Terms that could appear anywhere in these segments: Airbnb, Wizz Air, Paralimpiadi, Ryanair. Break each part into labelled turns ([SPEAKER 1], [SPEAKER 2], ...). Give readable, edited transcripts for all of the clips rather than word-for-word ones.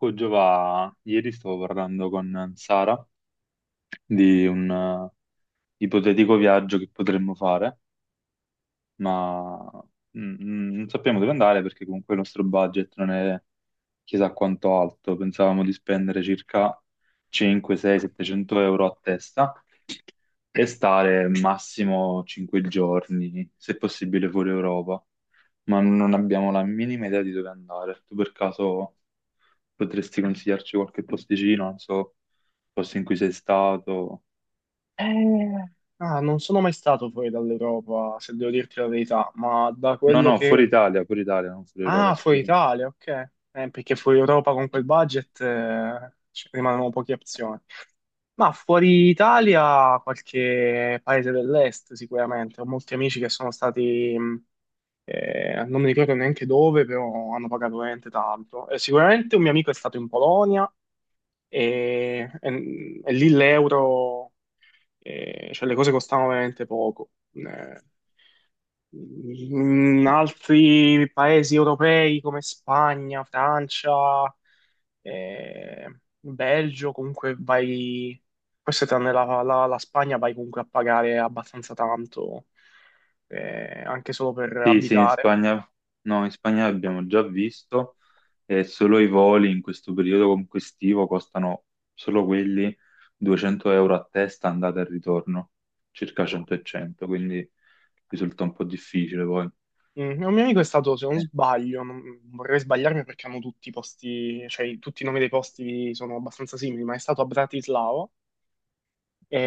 [SPEAKER 1] Oh, Giova, ieri stavo parlando con Sara di un ipotetico viaggio che potremmo fare, ma non sappiamo dove andare perché comunque il nostro budget non è chissà quanto alto. Pensavamo di spendere circa 5, 6, 700 euro a testa e stare massimo 5 giorni, se possibile fuori Europa, ma non abbiamo la minima idea di dove andare. Tu per caso potresti consigliarci qualche posticino, non so, posto in cui sei stato?
[SPEAKER 2] Eh, ah, non sono mai stato fuori dall'Europa, se devo dirti la verità, ma da
[SPEAKER 1] No,
[SPEAKER 2] quello
[SPEAKER 1] no,
[SPEAKER 2] che...
[SPEAKER 1] Fuori Italia, non fuori Europa,
[SPEAKER 2] Ah, fuori
[SPEAKER 1] scusa.
[SPEAKER 2] Italia, ok. Perché fuori Europa con quel budget ci rimangono poche opzioni. Ma fuori Italia, qualche paese dell'est sicuramente. Ho molti amici che sono stati, non mi ricordo neanche dove, però hanno pagato veramente tanto. Sicuramente un mio amico è stato in Polonia e lì l'euro... Cioè le cose costavano veramente poco. In altri paesi europei come Spagna, Francia, Belgio, comunque vai, forse tranne la Spagna, vai comunque a pagare abbastanza tanto, anche solo per
[SPEAKER 1] Sì, sì, in
[SPEAKER 2] abitare.
[SPEAKER 1] Spagna, no, in Spagna abbiamo già visto e solo i voli in questo periodo comunque estivo costano, solo quelli, 200 euro a testa andata e ritorno, circa 100 e 100, quindi risulta un po' difficile poi.
[SPEAKER 2] Un mio amico è stato, se non
[SPEAKER 1] Eh,
[SPEAKER 2] sbaglio, vorrei sbagliarmi perché hanno tutti i posti, cioè tutti i nomi dei posti sono abbastanza simili, ma è stato a Bratislava.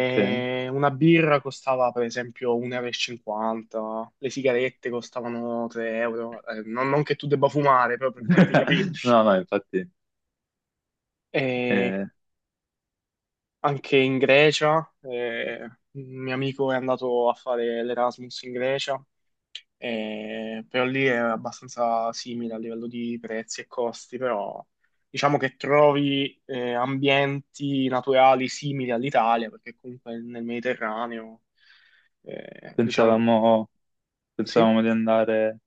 [SPEAKER 1] ok.
[SPEAKER 2] una birra costava per esempio 1,50 euro, e cinquanta, le sigarette costavano 3 euro, non che tu debba fumare, però per farti capire.
[SPEAKER 1] No, no, infatti
[SPEAKER 2] E
[SPEAKER 1] eh,
[SPEAKER 2] anche in Grecia, un mio amico è andato a fare l'Erasmus in Grecia, però lì è abbastanza simile a livello di prezzi e costi, però diciamo che trovi ambienti naturali simili all'Italia, perché comunque nel Mediterraneo, diciamo...
[SPEAKER 1] pensavamo,
[SPEAKER 2] Sì?
[SPEAKER 1] di andare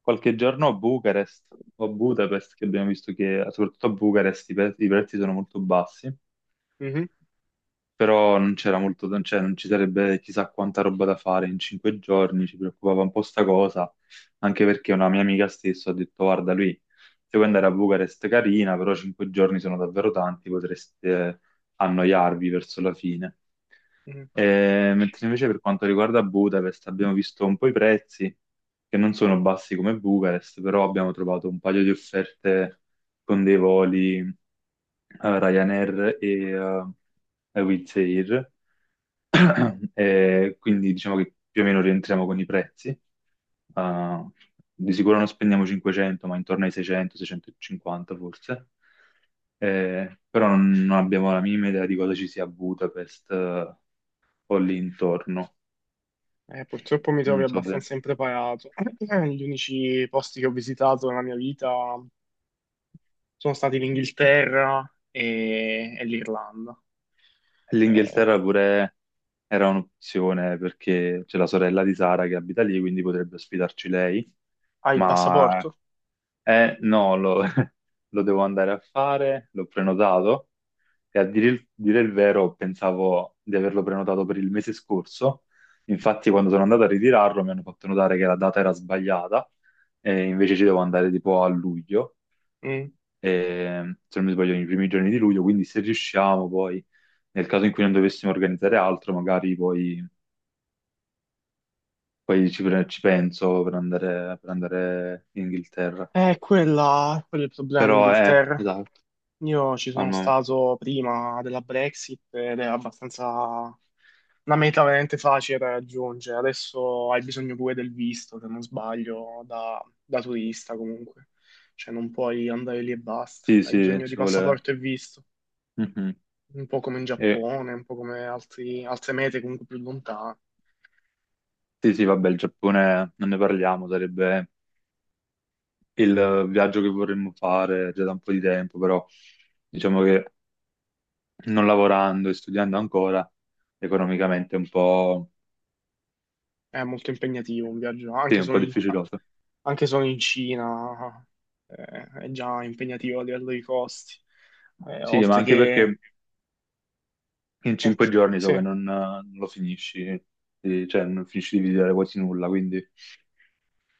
[SPEAKER 1] qualche giorno a Bucarest o a Budapest, che abbiamo visto che soprattutto a Bucarest i prezzi sono molto bassi,
[SPEAKER 2] Mhm.
[SPEAKER 1] però non c'era molto, cioè non ci sarebbe chissà quanta roba da fare in 5 giorni. Ci preoccupava un po' sta cosa, anche perché una mia amica stessa ha detto: "Guarda lui, se vuoi andare a Bucarest carina, però 5 giorni sono davvero tanti, potreste annoiarvi verso la fine."
[SPEAKER 2] Mhm.
[SPEAKER 1] Mentre invece per quanto riguarda Budapest abbiamo visto un po' i prezzi, che non sono bassi come Bucarest, però abbiamo trovato un paio di offerte con dei voli Ryanair e Wizz Air. Quindi diciamo che più o meno rientriamo con i prezzi. Eh, di sicuro non spendiamo 500, ma intorno ai 600, 650 forse. Però non abbiamo la minima idea di cosa ci sia a Budapest, o lì intorno,
[SPEAKER 2] Purtroppo mi trovi
[SPEAKER 1] non so se...
[SPEAKER 2] abbastanza impreparato. Gli unici posti che ho visitato nella mia vita sono stati l'Inghilterra e l'Irlanda. Eh,
[SPEAKER 1] L'Inghilterra pure era un'opzione perché c'è la sorella di Sara che abita lì, quindi potrebbe ospitarci lei,
[SPEAKER 2] hai il
[SPEAKER 1] ma
[SPEAKER 2] passaporto?
[SPEAKER 1] no, lo, lo devo andare a fare, l'ho prenotato, e a dire il vero pensavo di averlo prenotato per il mese scorso. Infatti quando sono andato a ritirarlo mi hanno fatto notare che la data era sbagliata, e invece ci devo andare tipo a luglio,
[SPEAKER 2] Mm.
[SPEAKER 1] e, se non mi sbaglio, nei primi giorni di luglio, quindi se riusciamo poi... Nel caso in cui non dovessimo organizzare altro, magari poi ci penso, per andare in Inghilterra.
[SPEAKER 2] Quello è il problema in
[SPEAKER 1] Però è,
[SPEAKER 2] Inghilterra.
[SPEAKER 1] esatto,
[SPEAKER 2] Io ci
[SPEAKER 1] al
[SPEAKER 2] sono
[SPEAKER 1] momento.
[SPEAKER 2] stato prima della Brexit ed è abbastanza una meta veramente facile da raggiungere. Adesso hai bisogno pure del visto, se non sbaglio, da turista comunque. Cioè non puoi andare lì e basta.
[SPEAKER 1] Sì,
[SPEAKER 2] Hai
[SPEAKER 1] sì,
[SPEAKER 2] bisogno
[SPEAKER 1] ci
[SPEAKER 2] di
[SPEAKER 1] vuole...
[SPEAKER 2] passaporto e visto,
[SPEAKER 1] Mhm.
[SPEAKER 2] un po' come in
[SPEAKER 1] E
[SPEAKER 2] Giappone, un po' come altre mete comunque più lontane.
[SPEAKER 1] sì, sì, vabbè, il Giappone non ne parliamo, sarebbe il viaggio che vorremmo fare già da un po' di tempo, però diciamo che, non lavorando e studiando ancora, economicamente è un po',
[SPEAKER 2] È molto impegnativo un viaggio,
[SPEAKER 1] sì,
[SPEAKER 2] anche
[SPEAKER 1] un
[SPEAKER 2] solo
[SPEAKER 1] po'
[SPEAKER 2] in,
[SPEAKER 1] difficiloso.
[SPEAKER 2] anche solo in Cina, eh, è già impegnativo a livello di costi
[SPEAKER 1] Sì, ma
[SPEAKER 2] oltre
[SPEAKER 1] anche
[SPEAKER 2] che.
[SPEAKER 1] perché in cinque
[SPEAKER 2] Oltre-
[SPEAKER 1] giorni so che
[SPEAKER 2] Sì.
[SPEAKER 1] non lo finisci, cioè non finisci di visitare quasi nulla, quindi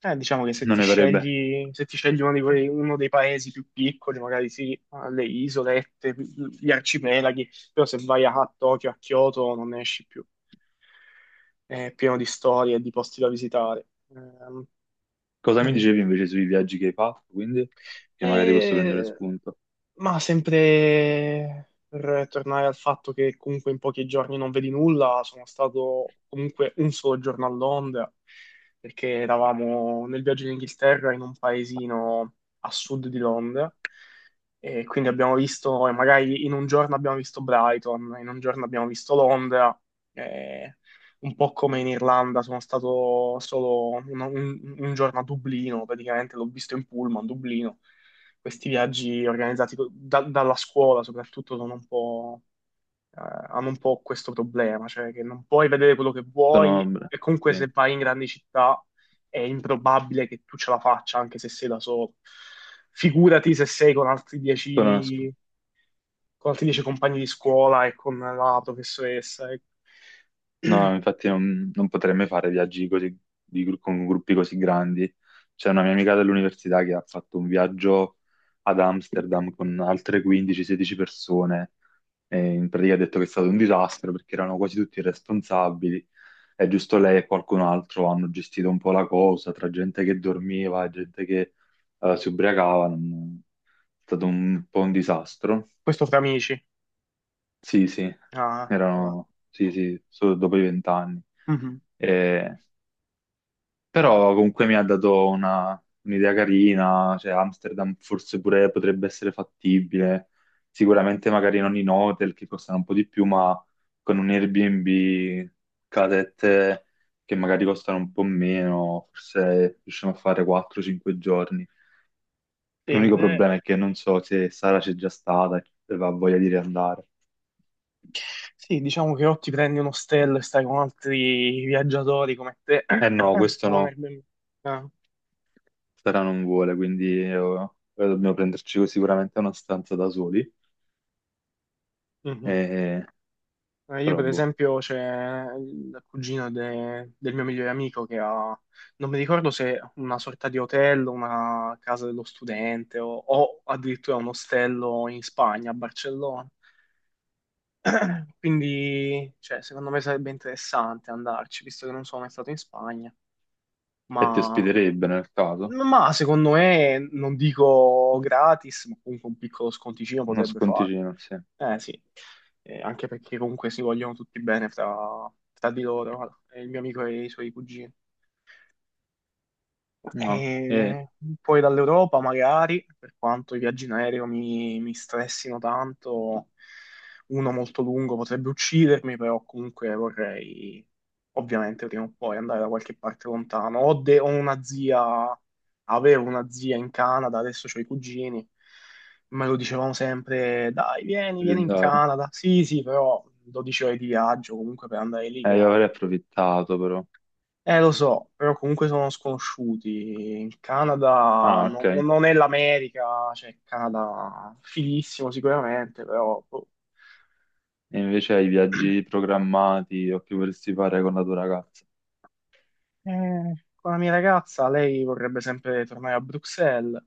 [SPEAKER 2] Diciamo che se
[SPEAKER 1] non
[SPEAKER 2] ti
[SPEAKER 1] ne farebbe.
[SPEAKER 2] scegli, se ti scegli uno dei paesi più piccoli, magari sì, le isolette, gli arcipelaghi, però se vai a Tokyo, a Kyoto non ne esci più. È pieno di storie e di posti da visitare. Ehm,
[SPEAKER 1] Cosa mi
[SPEAKER 2] mm.
[SPEAKER 1] dicevi invece sui viaggi che hai fatto, quindi? Che magari posso prendere
[SPEAKER 2] E
[SPEAKER 1] spunto.
[SPEAKER 2] Ma sempre per tornare al fatto che comunque in pochi giorni non vedi nulla, sono stato comunque un solo giorno a Londra, perché eravamo nel viaggio in Inghilterra in un paesino a sud di Londra, e quindi abbiamo visto, e magari in un giorno abbiamo visto Brighton, in un giorno abbiamo visto Londra, e un po' come in Irlanda, sono stato solo un giorno a Dublino, praticamente l'ho visto in pullman, Dublino. Questi viaggi organizzati dalla scuola soprattutto sono un po', eh, hanno un po' questo problema, cioè che non puoi vedere quello che vuoi
[SPEAKER 1] Sono,
[SPEAKER 2] e comunque
[SPEAKER 1] sì,
[SPEAKER 2] se vai in grandi città è improbabile che tu ce la faccia anche se sei da solo. Figurati se sei con altri
[SPEAKER 1] sono-
[SPEAKER 2] dieci, con altri dieci compagni di scuola e con la professoressa.
[SPEAKER 1] no, infatti non potrei mai fare viaggi così, con gruppi così grandi. C'è una mia amica dell'università che ha fatto un viaggio ad Amsterdam con altre 15-16 persone, e in pratica ha detto che è stato un disastro perché erano quasi tutti irresponsabili. È giusto lei e qualcun altro hanno gestito un po' la cosa, tra gente che dormiva e gente che, si ubriacava, è stato un po' un disastro.
[SPEAKER 2] Questo fra amici.
[SPEAKER 1] Sì, sì,
[SPEAKER 2] Ah, ah.
[SPEAKER 1] erano, sì, sì, solo dopo i 20 anni.
[SPEAKER 2] Mhm.
[SPEAKER 1] Però comunque mi ha dato un'idea carina, cioè Amsterdam forse pure potrebbe essere fattibile, sicuramente magari non in hotel, che costano un po' di più, ma con un Airbnb, casette che magari costano un po' meno, forse riusciamo a fare 4-5 giorni.
[SPEAKER 2] Sì,
[SPEAKER 1] L'unico problema è che non so se Sara c'è già stata e ha voglia di riandare.
[SPEAKER 2] Sì, diciamo che o ti prendi un ostello e stai con altri viaggiatori come te,
[SPEAKER 1] Eh no, questo
[SPEAKER 2] o un
[SPEAKER 1] no,
[SPEAKER 2] Airbnb. Ah,
[SPEAKER 1] Sara non vuole, quindi dobbiamo prenderci sicuramente una stanza da soli.
[SPEAKER 2] mhm.
[SPEAKER 1] Eh,
[SPEAKER 2] Io
[SPEAKER 1] Però
[SPEAKER 2] per
[SPEAKER 1] boh.
[SPEAKER 2] esempio c'è il cugino del mio migliore amico che ha, non mi ricordo, se una sorta di hotel, una casa dello studente o addirittura un ostello in Spagna, a Barcellona. Quindi, cioè, secondo me sarebbe interessante andarci, visto che non sono mai stato in Spagna,
[SPEAKER 1] E ti
[SPEAKER 2] ma
[SPEAKER 1] ospiterebbe nel caso?
[SPEAKER 2] Ma secondo me, non dico gratis, ma comunque un piccolo sconticino
[SPEAKER 1] Uno
[SPEAKER 2] potrebbe fare.
[SPEAKER 1] sconticino, sì.
[SPEAKER 2] Eh sì, anche perché comunque si vogliono tutti bene fra di loro, il mio amico e i suoi cugini.
[SPEAKER 1] No, e
[SPEAKER 2] E poi dall'Europa magari, per quanto i viaggi in aereo mi stressino tanto, uno molto lungo potrebbe uccidermi, però comunque vorrei ovviamente prima o poi andare da qualche parte lontano. Ho una zia, avevo una zia in Canada, adesso ho i cugini, me lo dicevamo sempre, dai, vieni,
[SPEAKER 1] di
[SPEAKER 2] vieni in
[SPEAKER 1] andare.
[SPEAKER 2] Canada. Sì, sì, però 12 ore di viaggio comunque per andare lì
[SPEAKER 1] Io
[SPEAKER 2] con
[SPEAKER 1] avrei approfittato però.
[SPEAKER 2] lo so, però comunque sono sconosciuti. Il Canada
[SPEAKER 1] Ah, ok.
[SPEAKER 2] no- no-
[SPEAKER 1] E
[SPEAKER 2] non è l'America, cioè il Canada fighissimo sicuramente, però boh.
[SPEAKER 1] invece hai viaggi programmati o che vorresti fare con la tua ragazza?
[SPEAKER 2] Con la mia ragazza lei vorrebbe sempre tornare a Bruxelles,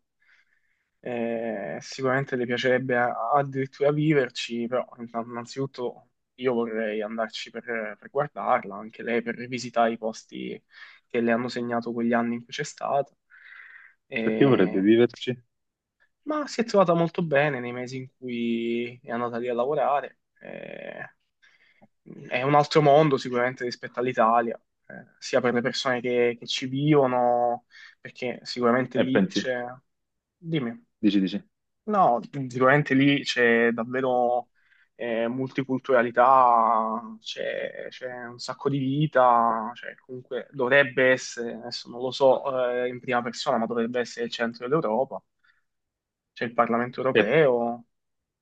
[SPEAKER 2] sicuramente le piacerebbe addirittura viverci, però innanzitutto io vorrei andarci per guardarla, anche lei per rivisitare i posti che le hanno segnato quegli anni in cui c'è stata.
[SPEAKER 1] Perché vorrebbe
[SPEAKER 2] Eh,
[SPEAKER 1] viverci?
[SPEAKER 2] Ma si è trovata molto bene nei mesi in cui è andata lì a lavorare. È un altro mondo sicuramente rispetto all'Italia, sia per le persone che ci vivono, perché sicuramente
[SPEAKER 1] E
[SPEAKER 2] lì
[SPEAKER 1] pensi,
[SPEAKER 2] c'è... Dimmi,
[SPEAKER 1] dici, dici.
[SPEAKER 2] no, sicuramente lì c'è davvero multiculturalità, c'è un sacco di vita, cioè comunque dovrebbe essere, adesso non lo so in prima persona, ma dovrebbe essere il centro dell'Europa, c'è il Parlamento
[SPEAKER 1] E,
[SPEAKER 2] europeo.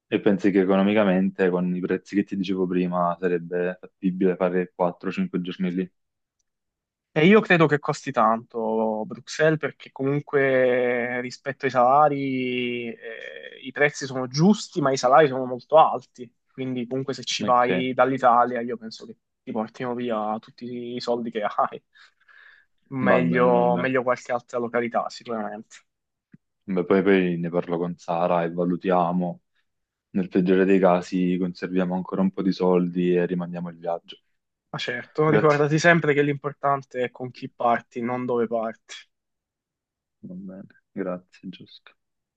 [SPEAKER 1] e pensi che economicamente, con i prezzi che ti dicevo prima, sarebbe fattibile fare 4-5 giorni lì?
[SPEAKER 2] E io credo che costi tanto Bruxelles perché comunque rispetto ai salari i prezzi sono giusti, ma i salari sono molto alti. Quindi comunque se ci
[SPEAKER 1] Ok,
[SPEAKER 2] vai dall'Italia io penso che ti portino via tutti i soldi che hai.
[SPEAKER 1] va bene, va
[SPEAKER 2] Meglio,
[SPEAKER 1] bene.
[SPEAKER 2] meglio qualche altra località sicuramente.
[SPEAKER 1] Beh, poi ne parlo con Sara e valutiamo. Nel peggiore dei casi conserviamo ancora un po' di soldi e rimandiamo il viaggio.
[SPEAKER 2] Ma certo,
[SPEAKER 1] Grazie.
[SPEAKER 2] ricordati sempre che l'importante è con chi parti, non dove parti.
[SPEAKER 1] Va bene, grazie, Giusto.